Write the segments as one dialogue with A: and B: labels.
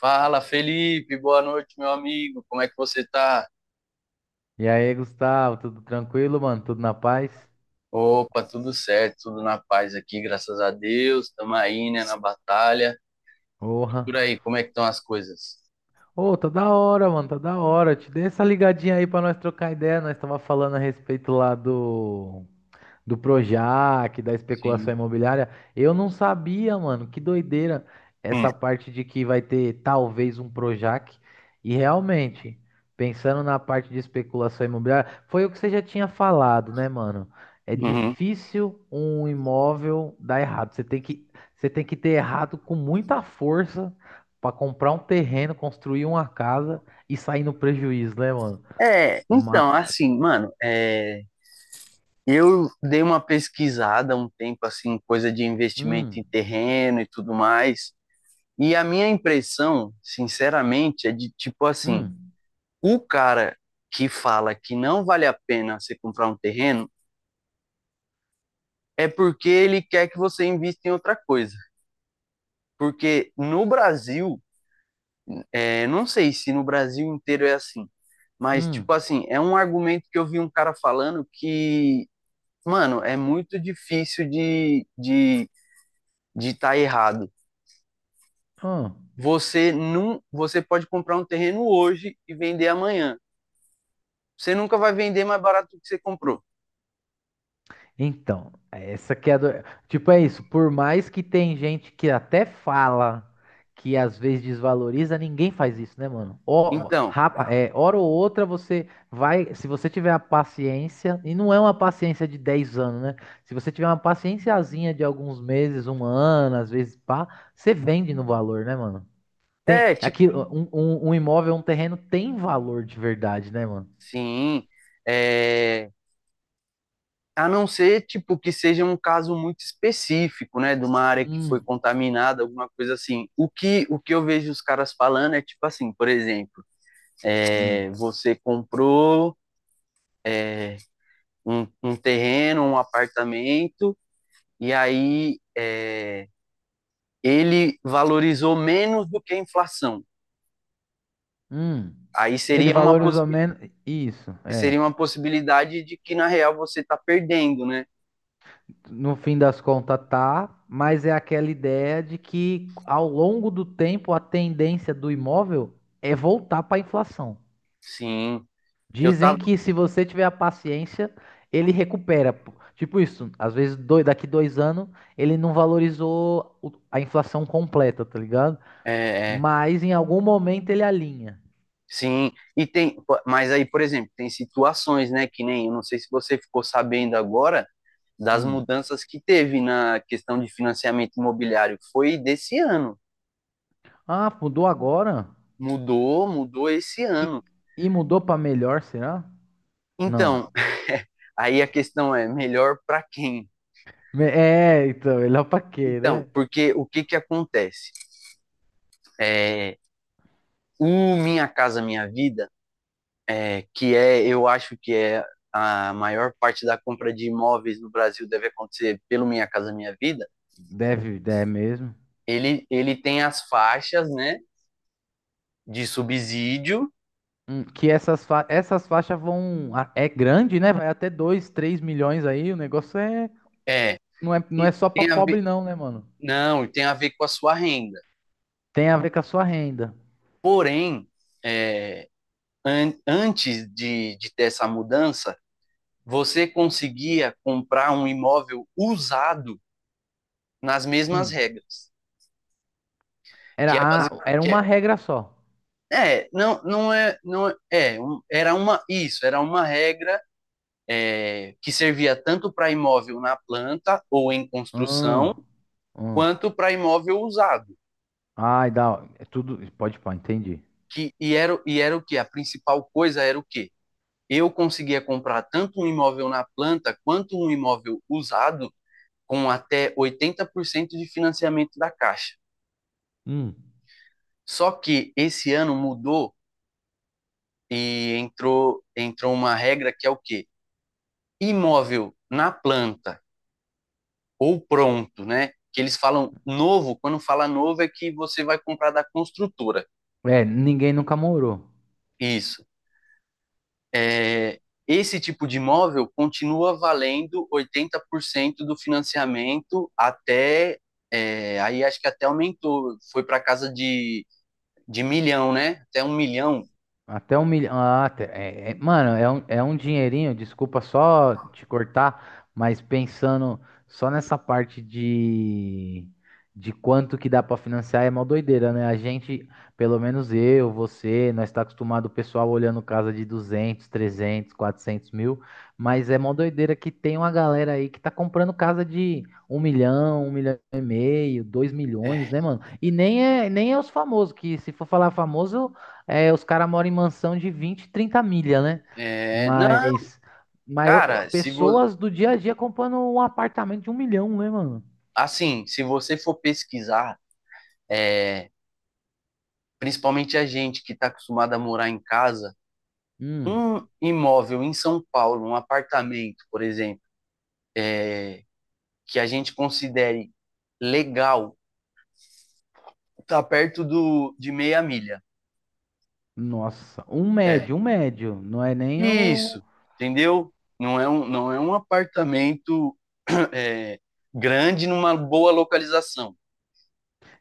A: Fala, Felipe, boa noite, meu amigo. Como é que você tá?
B: E aí, Gustavo, tudo tranquilo, mano? Tudo na paz?
A: Opa, tudo certo, tudo na paz aqui, graças a Deus. Tamo aí, né, na batalha. E
B: Porra.
A: por aí, como é que estão as coisas?
B: Ô, tá da hora, mano, tá da hora. Te dei essa ligadinha aí pra nós trocar ideia. Nós tava falando a respeito lá do Projac, da especulação
A: Sim.
B: imobiliária. Eu não sabia, mano, que doideira
A: Hum,
B: essa parte de que vai ter talvez um Projac. E realmente, pensando na parte de especulação imobiliária, foi o que você já tinha falado, né, mano? É
A: uhum.
B: difícil um imóvel dar errado. Você tem que ter errado com muita força para comprar um terreno, construir uma casa e sair no prejuízo, né, mano?
A: É, então,
B: Ma-
A: assim, mano, é, eu dei uma pesquisada há um tempo, assim, coisa de investimento
B: hum,
A: em terreno e tudo mais, e a minha impressão, sinceramente, é de tipo assim:
B: hum,
A: o cara que fala que não vale a pena você comprar um terreno é porque ele quer que você invista em outra coisa. Porque no Brasil, não sei se no Brasil inteiro é assim, mas,
B: hum,
A: tipo assim, é um argumento que eu vi um cara falando que, mano, é muito difícil de tá errado.
B: hum.
A: Você não, Você pode comprar um terreno hoje e vender amanhã. Você nunca vai vender mais barato do que você comprou.
B: Então, essa que é a do. Tipo, é isso. Por mais que tem gente que até fala que às vezes desvaloriza, ninguém faz isso, né, mano? Ó,
A: Então,
B: hora ou outra você vai. Se você tiver a paciência, e não é uma paciência de 10 anos, né? Se você tiver uma paciênciazinha de alguns meses, um ano, às vezes pá, você vende no valor, né, mano? Tem,
A: tipo,
B: aqui, um imóvel, um terreno tem valor de verdade, né, mano?
A: sim, é, a não ser, tipo, que seja um caso muito específico, né, de uma área que foi
B: Hum,
A: contaminada, alguma coisa assim. O que eu vejo os caras falando é tipo assim, por exemplo,
B: hum.
A: você comprou um terreno, um apartamento, e aí ele valorizou menos do que a inflação.
B: Hum.
A: Aí
B: Ele
A: seria uma,
B: valorizou
A: possibi
B: menos. Isso, é.
A: Seria uma possibilidade de que, na real, você está perdendo, né?
B: No fim das contas, tá, mas é aquela ideia de que ao longo do tempo a tendência do imóvel é voltar para a inflação.
A: Sim, eu
B: Dizem
A: tava,
B: que se você tiver a paciência, ele recupera. Pô. Tipo isso, às vezes dois, daqui 2 anos ele não valorizou a inflação completa, tá ligado?
A: é, é,
B: Mas em algum momento ele alinha.
A: sim, e tem, mas aí, por exemplo, tem situações, né, que nem, eu não sei se você ficou sabendo agora das
B: Hum.
A: mudanças que teve na questão de financiamento imobiliário, foi desse ano.
B: Ah, mudou agora?
A: Mudou, mudou esse
B: E,
A: ano.
B: e mudou para melhor, será? Não.
A: Então, aí a questão é melhor para quem?
B: Então, melhor pra quê,
A: Então,
B: né?
A: porque o que que acontece? É, o Minha Casa Minha Vida, eu acho que é a maior parte da compra de imóveis no Brasil deve acontecer pelo Minha Casa Minha Vida.
B: Deve, é mesmo.
A: Ele tem as faixas, né, de subsídio,
B: Hum. Que essas faixas vão. É grande, né? Vai até 2, 3 milhões aí. O negócio é.
A: é,
B: Não é, não
A: e
B: é só pra
A: tem a ver,
B: pobre, não, né, mano?
A: não, e tem a ver com a sua renda.
B: Tem a ver com a sua renda.
A: Porém, é, antes de ter essa mudança, você conseguia comprar um imóvel usado nas mesmas
B: Hum.
A: regras,
B: Era,
A: que é, basi-
B: a, era
A: que
B: uma
A: é,
B: regra só.
A: é, não, não é, não é, é, um- era uma, isso, era uma regra que servia tanto para imóvel na planta ou em
B: Hum,
A: construção,
B: hum.
A: quanto para imóvel usado.
B: Ai, dá. É tudo. Pode, pode, entendi.
A: E era o que? A principal coisa era o quê? Eu conseguia comprar tanto um imóvel na planta quanto um imóvel usado com até 80% de financiamento da Caixa.
B: Hum.
A: Só que esse ano mudou e entrou uma regra que é o quê? Imóvel na planta ou pronto, né? Que eles falam novo, quando fala novo é que você vai comprar da construtora.
B: É, ninguém nunca morou.
A: Isso. É, esse tipo de imóvel continua valendo 80% do financiamento até, é, aí acho que até aumentou, foi para casa de milhão, né? Até um milhão.
B: Até 1 milhão. Ah, mano, é um dinheirinho, desculpa só te cortar, mas pensando só nessa parte de quanto que dá pra financiar é mó doideira, né? A gente, pelo menos eu, você, nós tá acostumado o pessoal olhando casa de 200 300 400 mil, mas é mó doideira que tem uma galera aí que tá comprando casa de um milhão e meio, dois
A: É,
B: milhões, né, mano? E nem é os famosos, que se for falar famoso. É, os caras moram em mansão de 20, 30 milha, né?
A: não,
B: Mas, mas
A: cara, se vo,
B: pessoas do dia a dia comprando um apartamento de 1 milhão, né, mano?
A: assim, se você for pesquisar, é, principalmente a gente que está acostumada a morar em casa,
B: Hum,
A: um imóvel em São Paulo, um apartamento, por exemplo, que a gente considere legal, está perto do, de meia milha.
B: nossa, um
A: É,
B: médio, um médio. Não é nem o.
A: isso, entendeu? Não é um apartamento é, grande numa boa localização.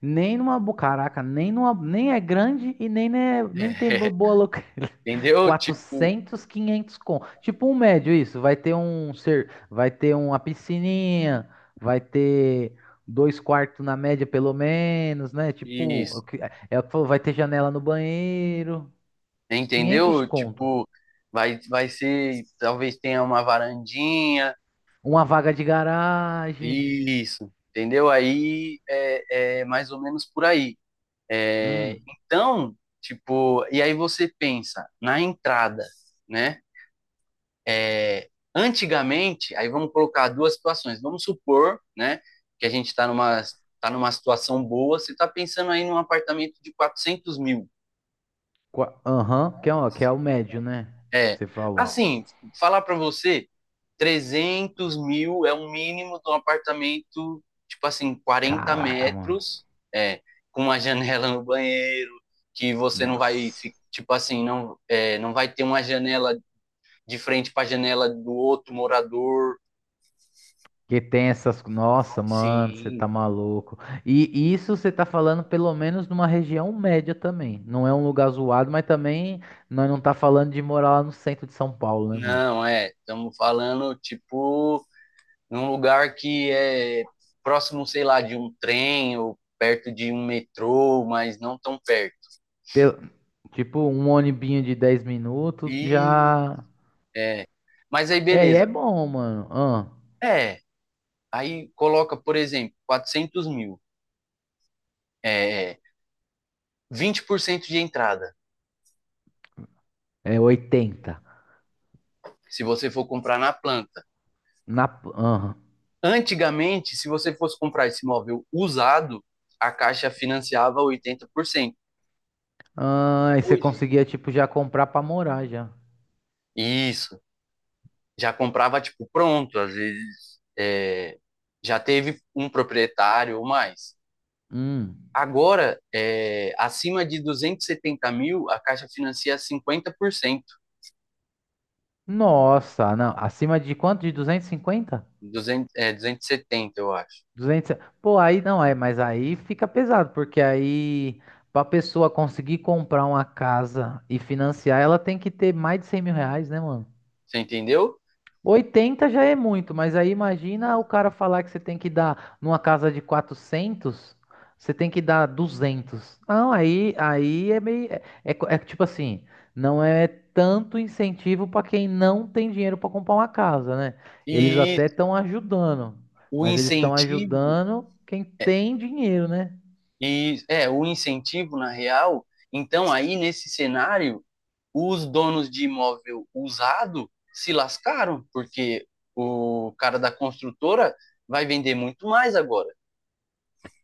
B: Nem numa, caraca, nem numa, nem é grande e nem, né, nem tem
A: É,
B: boa loca.
A: entendeu? Tipo,
B: 400, 500 com. Tipo um médio isso, vai ter uma piscininha, vai ter dois quartos na média pelo menos, né? Tipo, o
A: isso.
B: que- é, é o que falou, vai ter janela no banheiro, quinhentos
A: Entendeu?
B: conto.
A: Tipo, vai ser, talvez tenha uma varandinha.
B: Uma vaga de garagem.
A: Isso, entendeu? Aí é, é mais ou menos por aí. É,
B: Hum.
A: então, tipo, e aí você pensa na entrada, né? É, Antigamente, aí vamos colocar duas situações. Vamos supor, né, que a gente tá numa situação boa, você está pensando aí num apartamento de 400 mil.
B: Aham, que é o médio, né?
A: É,
B: Você falou.
A: assim, falar para você, 300 mil é o mínimo de um apartamento, tipo assim, quarenta
B: Caraca, mano.
A: metros, é, com uma janela no banheiro, que você não vai, fi-
B: Nossa.
A: tipo assim, não, é, não vai ter uma janela de frente para a janela do outro morador.
B: Que tem essas. Nossa, mano, você
A: Sim,
B: tá maluco. E isso você tá falando pelo menos numa região média também. Não é um lugar zoado, mas também nós não tá falando de morar lá no centro de São Paulo, né, mano?
A: não, é, estamos falando, tipo, num lugar que é próximo, sei lá, de um trem ou perto de um metrô, mas não tão perto.
B: Pel- Tipo, um ônibinho de 10 minutos
A: E,
B: já.
A: é, mas aí
B: É, e
A: beleza.
B: é bom, mano. Ah,
A: É, aí coloca, por exemplo, 400 mil, é, 20% de entrada,
B: é 80.
A: se você for comprar na planta.
B: Na. Ah,
A: Antigamente, se você fosse comprar esse imóvel usado, a Caixa financiava 80%.
B: ah, e você
A: Hoje,
B: conseguia, tipo, já comprar pra morar já.
A: isso. Já comprava tipo pronto, às vezes é, já teve um proprietário ou mais.
B: Hum.
A: Agora, é, acima de 270 mil, a Caixa financia 50%,
B: Nossa, não. Acima de quanto? De 250?
A: 200 270 eu acho.
B: 200. Pô, aí não é, mas aí fica pesado, porque aí pra pessoa conseguir comprar uma casa e financiar, ela tem que ter mais de 100 mil reais, né, mano?
A: Você entendeu?
B: 80 já é muito, mas aí imagina o cara falar que você tem que dar numa casa de 400, você tem que dar 200. Não, aí é meio. É, tipo assim, não é tanto incentivo para quem não tem dinheiro para comprar uma casa, né? Eles
A: E
B: até estão ajudando,
A: o
B: mas eles estão
A: incentivo,
B: ajudando quem tem dinheiro, né?
A: e É, o incentivo na real, então aí nesse cenário, os donos de imóvel usado se lascaram, porque o cara da construtora vai vender muito mais agora.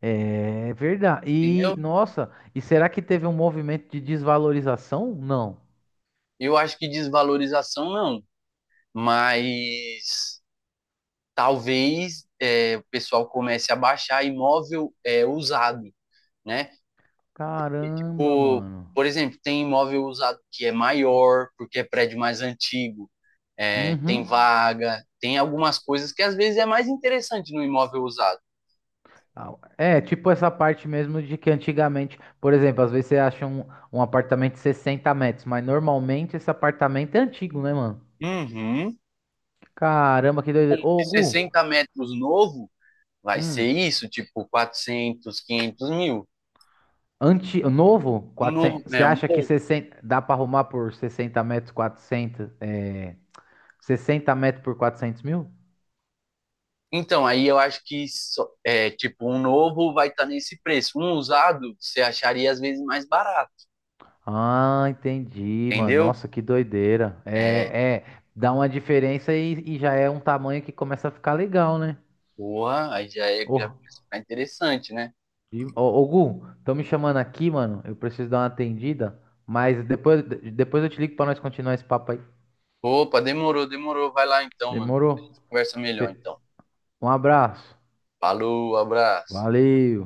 B: É verdade. E,
A: Entendeu?
B: nossa, e será que teve um movimento de desvalorização? Não.
A: Eu acho que desvalorização não, mas talvez é, o pessoal comece a baixar imóvel é, usado, né?
B: Caramba,
A: Por,
B: mano.
A: por exemplo, tem imóvel usado que é maior, porque é prédio mais antigo, é, tem
B: Uhum.
A: vaga, tem algumas coisas que às vezes é mais interessante no imóvel usado.
B: Ah, é, tipo essa parte mesmo de que antigamente, por exemplo, às vezes você acha um apartamento de 60 metros, mas normalmente esse apartamento é antigo, né, mano?
A: Uhum.
B: Caramba, que
A: Um
B: doideira. Ô,
A: de
B: Gu.
A: 60 metros novo vai ser
B: hum,
A: isso, tipo 400, 500 mil.
B: anti, novo,
A: Um novo,
B: 400? Você
A: né, um
B: acha que
A: novo.
B: 60 dá pra arrumar por 60 metros, 400? 60 metros por 400 mil?
A: Então, aí eu acho que é tipo um novo vai estar nesse preço. Um usado você acharia às vezes mais barato,
B: Ah, entendi, mano.
A: entendeu?
B: Nossa, que doideira. É, dá uma diferença e já é um tamanho que começa a ficar legal, né?
A: Porra, aí já é, já
B: Ô.
A: começa a ficar interessante, né?
B: E, ô, ô, Gu, estão me chamando aqui, mano. Eu preciso dar uma atendida. Mas depois eu te ligo pra nós continuar esse papo aí.
A: Opa, demorou, demorou. Vai lá então, mano.
B: Demorou?
A: Conversa melhor
B: Fe-
A: então.
B: Um abraço.
A: Falou, abraço.
B: Valeu.